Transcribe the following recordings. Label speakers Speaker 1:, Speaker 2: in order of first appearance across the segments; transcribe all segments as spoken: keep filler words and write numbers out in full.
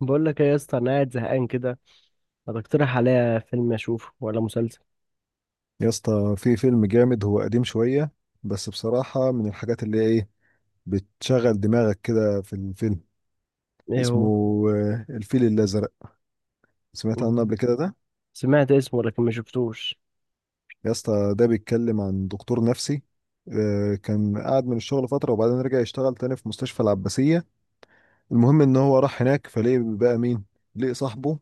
Speaker 1: بقول لك ايه يا اسطى، انا قاعد زهقان كده. ما تقترح عليا فيلم اشوفه ولا مسلسل؟
Speaker 2: يا اسطى، في فيلم جامد، هو قديم شوية، بس بصراحة من الحاجات اللي هي ايه بتشغل دماغك كده في الفيلم.
Speaker 1: ايه
Speaker 2: اسمه
Speaker 1: هو؟
Speaker 2: آه، الفيل الأزرق. سمعت عنه
Speaker 1: مم.
Speaker 2: قبل كده ده؟
Speaker 1: سمعت اسمه لكن ما شفتوش.
Speaker 2: يا اسطى، ده بيتكلم عن دكتور نفسي. آه، كان قاعد من الشغل فترة وبعدين رجع يشتغل تاني في مستشفى العباسية. المهم ان هو راح هناك فلقي بقى مين؟ لقي صاحبه.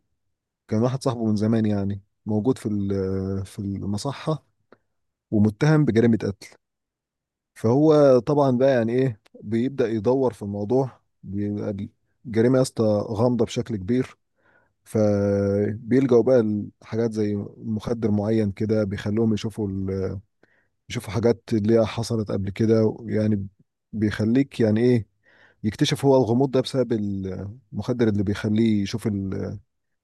Speaker 2: كان واحد صاحبه من زمان، يعني موجود في ال- آه، في المصحة، ومتهم بجريمة. فهو طبعا بقى، يعني ايه، بيبدأ يدور في الموضوع، بيبقى الجريمة يا اسطى غامضة بشكل كبير. فبيلجأوا بقى لحاجات زي مخدر معين كده بيخلوهم يشوفوا ال... يشوفوا حاجات اللي هي حصلت قبل كده يعني. بيخليك، يعني ايه، يكتشف هو الغموض ده بسبب المخدر اللي بيخليه يشوف ال-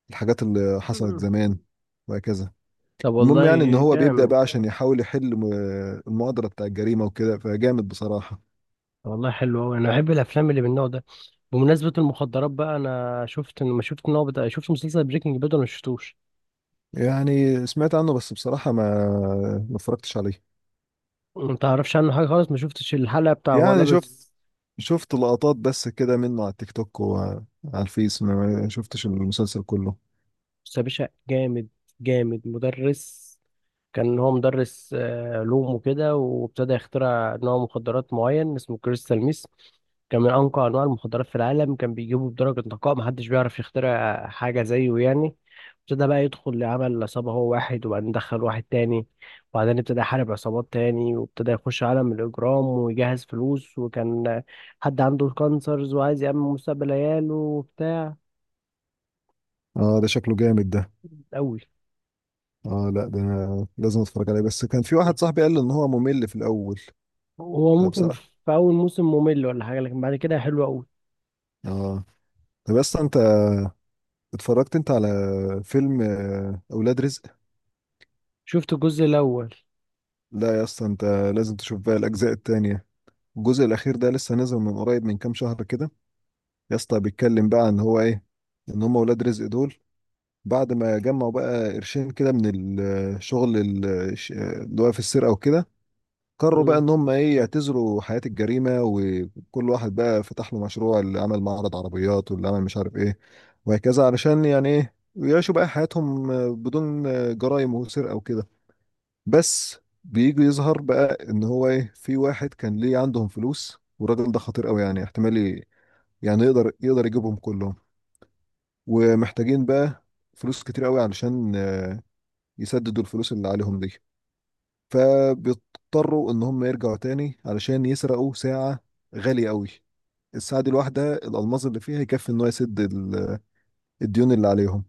Speaker 2: الحاجات اللي حصلت
Speaker 1: مم.
Speaker 2: زمان، وهكذا.
Speaker 1: طب
Speaker 2: المهم يعني ان
Speaker 1: والله.
Speaker 2: هو بيبدأ
Speaker 1: جامد.
Speaker 2: بقى عشان يحاول يحل م- المؤامرة بتاع الجريمة وكده، فجامد بصراحة.
Speaker 1: والله حلو قوي، انا بحب الافلام اللي من النوع ده. بمناسبه المخدرات بقى، انا شفت ما شفت ان هو بتاع شفت مسلسل بريكنج باد ولا ما شفتوش؟
Speaker 2: يعني سمعت عنه بس بصراحة ما ما اتفرجتش عليه.
Speaker 1: ما تعرفش عنه حاجه خالص؟ ما شفتش الحلقه بتاع هو
Speaker 2: يعني شفت
Speaker 1: لابس؟
Speaker 2: شفت لقطات بس كده منه على التيك توك وعلى الفيس، ما ما شفتش المسلسل كله.
Speaker 1: بص يا باشا، جامد جامد مدرس. كان هو مدرس آه، علوم وكده، وابتدى يخترع نوع مخدرات معين اسمه كريستال ميس. كان من أنقى أنواع المخدرات في العالم، كان بيجيبه بدرجة نقاء محدش بيعرف يخترع حاجة زيه يعني. ابتدى بقى يدخل لعمل عصابة هو واحد، وبعدين دخل واحد تاني، وبعدين ابتدى يحارب عصابات تاني وابتدى يخش عالم الإجرام ويجهز فلوس، وكان حد عنده كانسرز وعايز يأمن مستقبل عياله وبتاع.
Speaker 2: اه، ده شكله جامد ده.
Speaker 1: أوي.
Speaker 2: اه، لا ده أنا لازم اتفرج عليه، بس كان في واحد صاحبي قال لي ان هو ممل في الاول.
Speaker 1: هو ممكن
Speaker 2: فبصراحة،
Speaker 1: في اول موسم ممل ولا حاجه، لكن بعد كده حلو قوي.
Speaker 2: اه. طب يا اسطى انت، اتفرجت انت على فيلم آه، اولاد رزق؟
Speaker 1: شفت الجزء الاول.
Speaker 2: لا يا اسطى، انت لازم تشوف بقى الاجزاء التانية. الجزء الاخير ده لسه نازل من قريب، من كام شهر كده. يا اسطى، بيتكلم بقى ان هو ايه، ان هم اولاد رزق دول بعد ما جمعوا بقى قرشين كده من الشغل ال- اللي هو في السرقة وكده، قرروا بقى
Speaker 1: امم.
Speaker 2: ان هم ايه يعتزلوا حياة الجريمة، وكل واحد بقى فتح له مشروع، اللي عمل معرض عربيات، واللي عمل مش عارف ايه، وهكذا، علشان يعني ايه يعيشوا بقى حياتهم بدون جرائم وسرقة وكده، بس بيجي يظهر بقى ان هو ايه، في واحد كان ليه عندهم فلوس، والراجل ده خطير قوي، يعني احتمال ي- يعني يقدر يقدر يجيبهم كلهم. ومحتاجين بقى فلوس كتير قوي علشان يسددوا الفلوس اللي عليهم دي، فبيضطروا ان هم يرجعوا تاني علشان يسرقوا ساعة غالية قوي. الساعة دي، الواحدة، الألماس اللي فيها يكفي ان هو يسد ال- الديون اللي عليهم.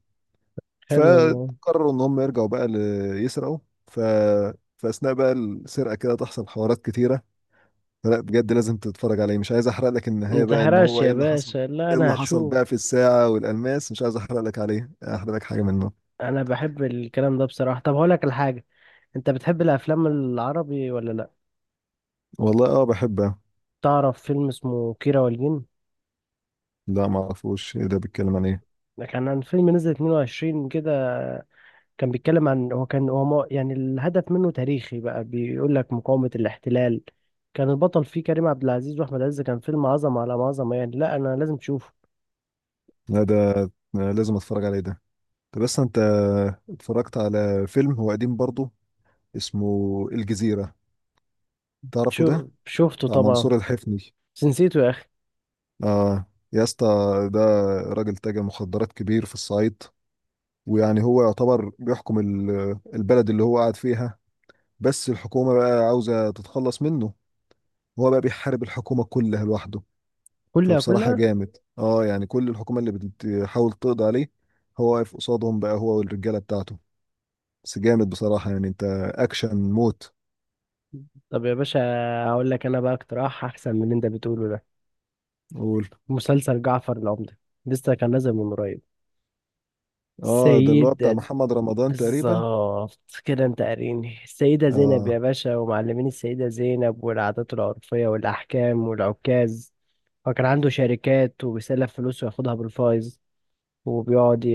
Speaker 1: حلو والله.
Speaker 2: فقرروا ان هم يرجعوا بقى ل- يسرقوا، ف فأثناء بقى السرقة كده تحصل حوارات كتيرة. فلا بجد لازم تتفرج عليه، مش عايز احرق لك
Speaker 1: ما
Speaker 2: النهاية بقى ان
Speaker 1: تحرقش
Speaker 2: هو ايه
Speaker 1: يا
Speaker 2: اللي حصل.
Speaker 1: باشا، لا
Speaker 2: ايه
Speaker 1: انا
Speaker 2: اللي حصل
Speaker 1: هشوف.
Speaker 2: بقى في الساعة والألماس، مش عايز احرق لك عليه، احرق لك حاجة منه.
Speaker 1: انا بحب الكلام ده بصراحه. طب هقول لك الحاجه، انت بتحب الافلام العربي ولا لا؟
Speaker 2: والله اه بحبه.
Speaker 1: تعرف فيلم اسمه كيرة والجن؟
Speaker 2: لا ما اعرفوش، ايه ده بيتكلم عن ايه؟
Speaker 1: ده كان عن فيلم نزل اتنين وعشرين كده، كان بيتكلم عن، هو كان هو مو- يعني الهدف منه تاريخي بقى، بيقول لك مقاومه الاحتلال. كان البطل فيه كريم عبد العزيز واحمد عز، كان فيلم عظمه على عظمه يعني، لا انا لازم تشوفه.
Speaker 2: لا ده أنا لازم اتفرج عليه ده. طب بس انت اتفرجت على فيلم، هو قديم برضه، اسمه الجزيرة، تعرفه ده؟
Speaker 1: شو شفته
Speaker 2: بتاع
Speaker 1: طبعا،
Speaker 2: منصور الحفني.
Speaker 1: بس نسيته يا اخي.
Speaker 2: اه يا اسطى، ده راجل تاجر مخدرات كبير في الصعيد. ويعني هو يعتبر بيحكم ال- البلد اللي هو قاعد فيها. بس الحكومة بقى عاوزة تتخلص منه. هو بقى بيحارب الحكومة كلها لوحده.
Speaker 1: كلها
Speaker 2: فبصراحة
Speaker 1: كلها.
Speaker 2: جامد، اه، يعني كل الحكومة اللي بتحاول تقضي عليه، هو واقف قصادهم بقى، هو والرجالة بتاعته. بس جامد بصراحة يعني، انت اكشن موت.
Speaker 1: طب يا باشا، هقول لك انا بقى اقتراح احسن من اللي انت بتقوله ده،
Speaker 2: قول.
Speaker 1: مسلسل جعفر العمدة، لسه كان نازل من قريب.
Speaker 2: اه، ده اللي هو
Speaker 1: سيدة
Speaker 2: بتاع
Speaker 1: ز-
Speaker 2: محمد رمضان تقريبا.
Speaker 1: بالظبط كده، انت قاريني السيدة زينب
Speaker 2: اه،
Speaker 1: يا باشا، ومعلمين السيدة زينب والعادات العرفية والأحكام والعكاز، وكان عنده شركات وبيسلف فلوس وياخدها بالفايز، وبيقعد ي...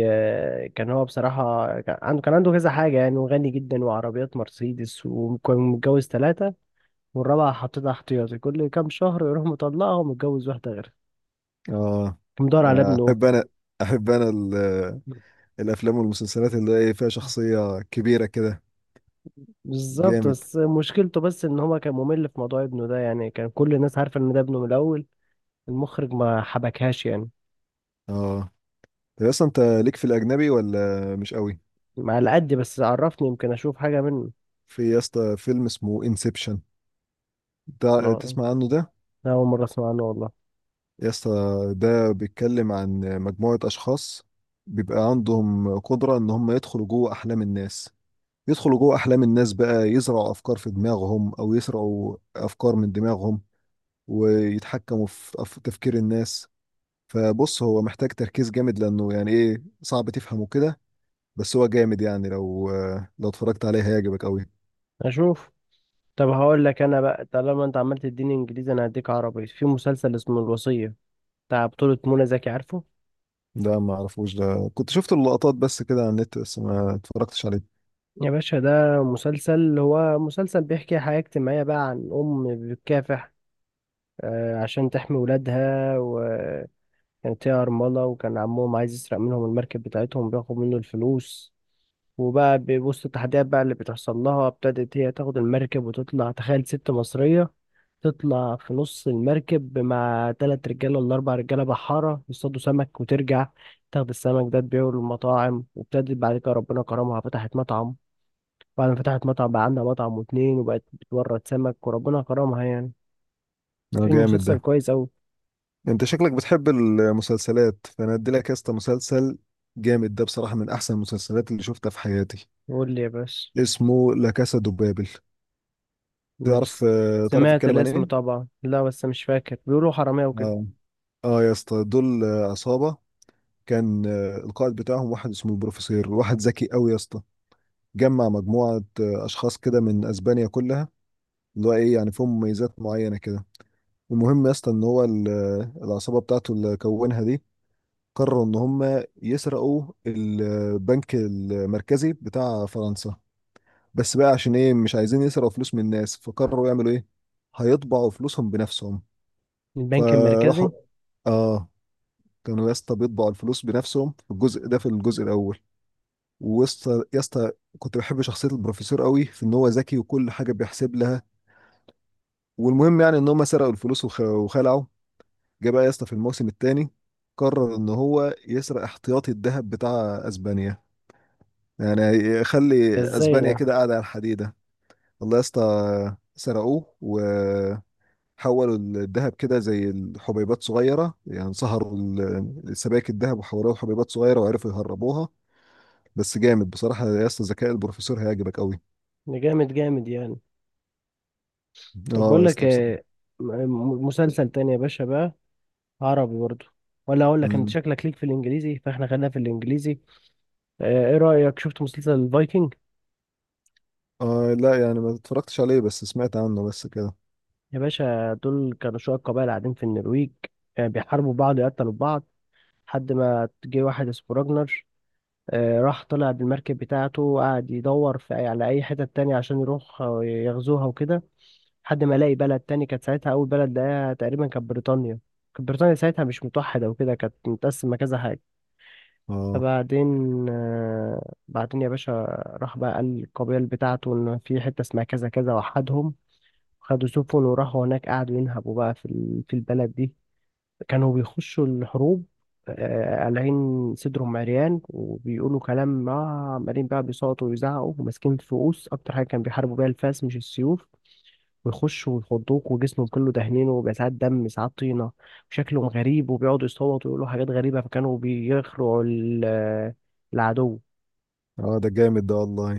Speaker 1: كان هو بصراحة، كان عنده كان عنده كذا حاجة يعني، وغني جدا وعربيات مرسيدس، وكان متجوز ثلاثة، والرابعة حطيتها احتياطي، كل كام شهر يروح مطلقها ومتجوز واحدة غيرها.
Speaker 2: اه،
Speaker 1: كان مدور على
Speaker 2: آه،
Speaker 1: ابنه.
Speaker 2: احب انا احب انا ال- الافلام والمسلسلات اللي هي فيها شخصية كبيرة كده،
Speaker 1: بالظبط،
Speaker 2: جامد،
Speaker 1: بس مشكلته بس ان هو كان ممل في موضوع ابنه ده، يعني كان كل الناس عارفة ان ده ابنه من الاول، المخرج ما حبكهاش يعني.
Speaker 2: اه. طب يا اسطى، انت ليك في الاجنبي ولا مش قوي؟
Speaker 1: على قد، بس عرفني يمكن اشوف حاجة منه.
Speaker 2: في يا اسطى فيلم اسمه انسبشن، ده
Speaker 1: أنا
Speaker 2: تسمع عنه ده؟
Speaker 1: أول مرة اسمع عنه والله.
Speaker 2: يا اسطى، ده بيتكلم عن مجموعة اشخاص بيبقى عندهم قدرة ان هم يدخلوا جوه احلام الناس. يدخلوا جوه احلام الناس بقى، يزرعوا افكار في دماغهم او يسرقوا افكار من دماغهم، ويتحكموا في أف- تفكير الناس. فبص، هو محتاج تركيز جامد، لانه يعني ايه صعب تفهمه كده، بس هو جامد، يعني لو لو اتفرجت عليه هيعجبك قوي.
Speaker 1: اشوف. طب هقول لك انا بقى، طالما انت عمال تديني انجليزي انا هديك عربي، في مسلسل اسمه الوصية، بتاع بطولة منى زكي، عارفه؟
Speaker 2: ده ما اعرفوش ده، كنت شفت اللقطات بس كده على النت، بس ما اتفرجتش عليه.
Speaker 1: يا باشا ده مسلسل، هو مسلسل بيحكي حياة اجتماعية بقى عن ام بتكافح آه، عشان تحمي ولادها، وكانت هي أرملة، وكان عمهم عايز يسرق منهم المركب بتاعتهم بياخد منه الفلوس. وبقى بوسط التحديات بقى اللي بتحصل لها، ابتدت هي تاخد المركب وتطلع، تخيل ست مصرية تطلع في نص المركب مع تلات رجالة ولا أربع رجالة بحارة يصطادوا سمك، وترجع تاخد السمك ده تبيعه للمطاعم، وابتدت بعد كده ربنا كرمها فتحت مطعم، بعد ما فتحت مطعم بقى عندها مطعم واتنين، وبقت بتورد سمك وربنا كرمها يعني،
Speaker 2: ده
Speaker 1: في
Speaker 2: جامد ده.
Speaker 1: مسلسل كويس أوي.
Speaker 2: انت شكلك بتحب المسلسلات، فانا ادي لك يا اسطى مسلسل جامد، ده بصراحة من احسن المسلسلات اللي شفتها في حياتي،
Speaker 1: قول لي يا باشا.
Speaker 2: اسمه لا كاسا دوبابل.
Speaker 1: ماشي.
Speaker 2: تعرف آه، تعرف
Speaker 1: سمعت
Speaker 2: الكلام عن
Speaker 1: الاسم
Speaker 2: ايه؟
Speaker 1: طبعا، لا بس مش فاكر، بيقولوا حرامية وكده.
Speaker 2: اه، اه، يا اسطى دول آه، عصابة. كان آه، القائد بتاعهم واحد اسمه البروفيسور، واحد ذكي قوي يا اسطى. جمع مجموعة آه، أشخاص كده من أسبانيا كلها، اللي هو إيه يعني فيهم مميزات معينة كده. المهم يا اسطى إن هو ال- آه، العصابة بتاعته اللي كونها دي، قرروا إن هم يسرقوا البنك المركزي بتاع فرنسا. بس بقى عشان إيه مش عايزين يسرقوا فلوس من الناس، فقرروا يعملوا إيه؟ هيطبعوا فلوسهم بنفسهم.
Speaker 1: البنك المركزي؟
Speaker 2: فراحوا، اه، كانوا يا اسطى بيطبعوا الفلوس بنفسهم في الجزء ده، في الجزء الاول. ويسطا يا اسطى، كنت بحب شخصيه البروفيسور قوي، في ان هو ذكي وكل حاجه بيحسب لها. والمهم يعني ان هم سرقوا الفلوس وخ- وخلعوا. جه بقى يا اسطى في الموسم الثاني، قرر ان هو يسرق احتياطي الذهب بتاع اسبانيا، يعني
Speaker 1: ده
Speaker 2: يخلي
Speaker 1: ازاي
Speaker 2: اسبانيا
Speaker 1: ده؟
Speaker 2: كده قاعده على الحديده. والله يا اسطى سرقوه، وحولوا الذهب كده زي الحبيبات صغيره، يعني سهروا ال- سبائك الذهب وحولوها لحبيبات صغيره وعرفوا يهربوها. بس جامد بصراحة يا اسطى، ذكاء البروفيسور هيعجبك قوي.
Speaker 1: ده جامد جامد يعني. طب
Speaker 2: اه
Speaker 1: بقول
Speaker 2: يا
Speaker 1: لك
Speaker 2: اسطى،
Speaker 1: إيه،
Speaker 2: بصراحة.
Speaker 1: م- م- مسلسل تاني يا باشا بقى، عربي برضو، ولا اقول لك انت
Speaker 2: امم
Speaker 1: شكلك ليك في الانجليزي، فاحنا خلينا في الانجليزي. آه، ايه رأيك، شفت مسلسل الفايكنج؟
Speaker 2: اه، لا يعني ما اتفرجتش عليه، بس سمعت عنه بس كده.
Speaker 1: يا باشا دول كانوا شوية قبائل قاعدين في النرويج، آه، بيحاربوا بعض يقتلوا بعض، لحد ما جه واحد اسمه راجنر. آه، راح طلع بالمركب بتاعته وقعد يدور في أي- على اي حتة تانية عشان يروح آه، يغزوها وكده، لحد ما لاقي بلد تاني، كانت ساعتها اول بلد لقاها تقريبا كانت بريطانيا. كانت بريطانيا ساعتها مش متوحدة وكده، كانت متقسمة كذا.
Speaker 2: اه،
Speaker 1: فبعدين آه، بعدين يا باشا، راح بقى قال للقبيل بتاعته إن في حتة اسمها كذا كذا وحدهم، خدوا سفن وراحوا هناك، قعدوا ينهبوا بقى في ال- في البلد دي. كانوا بيخشوا الحروب آه، قالعين صدرهم عريان وبيقولوا كلام ما، عمالين بقى بيصوتوا ويزعقوا وماسكين فؤوس، أكتر حاجة كان بيحاربوا بيها الفاس مش السيوف، ويخشوا ويخضوك وجسمه كله دهنين وبيبقى ساعات دم ساعات طينة، وشكلهم غريب وبيقعدوا يصوتوا ويقولوا حاجات غريبة، فكانوا بيخرعوا ال- العدو.
Speaker 2: اه، ده جامد ده والله.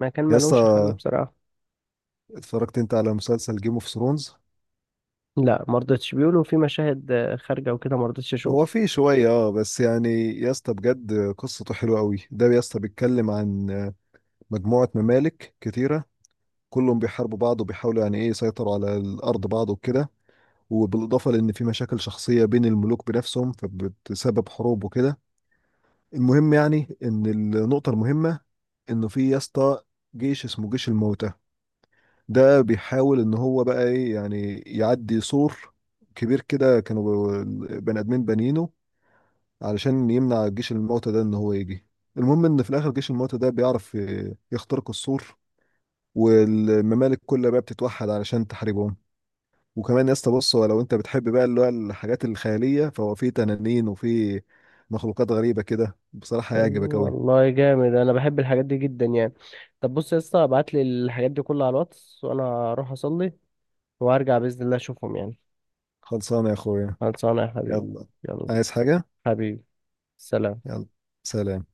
Speaker 1: ما كان
Speaker 2: يا
Speaker 1: ملوش حل
Speaker 2: اسطى،
Speaker 1: بصراحة.
Speaker 2: اتفرجت انت على مسلسل جيم اوف ثرونز؟
Speaker 1: لا مرضتش، بيقولوا في مشاهد آه، خارجة وكده، مرضتش
Speaker 2: هو
Speaker 1: أشوف.
Speaker 2: فيه شوية، اه، بس يعني يا اسطى بجد قصته حلوة قوي، ده يا اسطى بيتكلم عن مجموعة ممالك كتيرة. كلهم بيحاربوا بعض وبيحاولوا يعني ايه يسيطروا على الأرض بعض وكده، وبالإضافة لأن في مشاكل شخصية بين الملوك بنفسهم فبتسبب حروب وكده. المهم يعني ان النقطة المهمة، انه في يا اسطى جيش اسمه جيش الموتى. ده بيحاول ان هو بقى ايه، يعني يعدي سور كبير كده، كانوا ب- بني ادمين بانيينه، علشان يمنع جيش الموتى ده ان هو يجي. المهم ان في الاخر جيش الموتى ده بيعرف ي- يخترق السور، والممالك كلها بقى بتتوحد علشان تحاربهم. وكمان يا اسطى، بص، هو لو انت بتحب بقى اللي هو الحاجات الخيالية، فهو في تنانين وفي مخلوقات غريبة كده، بصراحة
Speaker 1: أيوة
Speaker 2: هيعجبك أوي.
Speaker 1: والله جامد، أنا بحب الحاجات دي جدا يعني. طب بص يا اسطى ابعت لي الحاجات دي كلها على الواتس، وأنا هروح أصلي وهرجع بإذن الله أشوفهم يعني.
Speaker 2: خلصانة يا أخويا.
Speaker 1: خلصانة يا حبيبي.
Speaker 2: يلا.
Speaker 1: يلا.
Speaker 2: عايز حاجة؟
Speaker 1: حبيبي. سلام.
Speaker 2: يلا، سلام.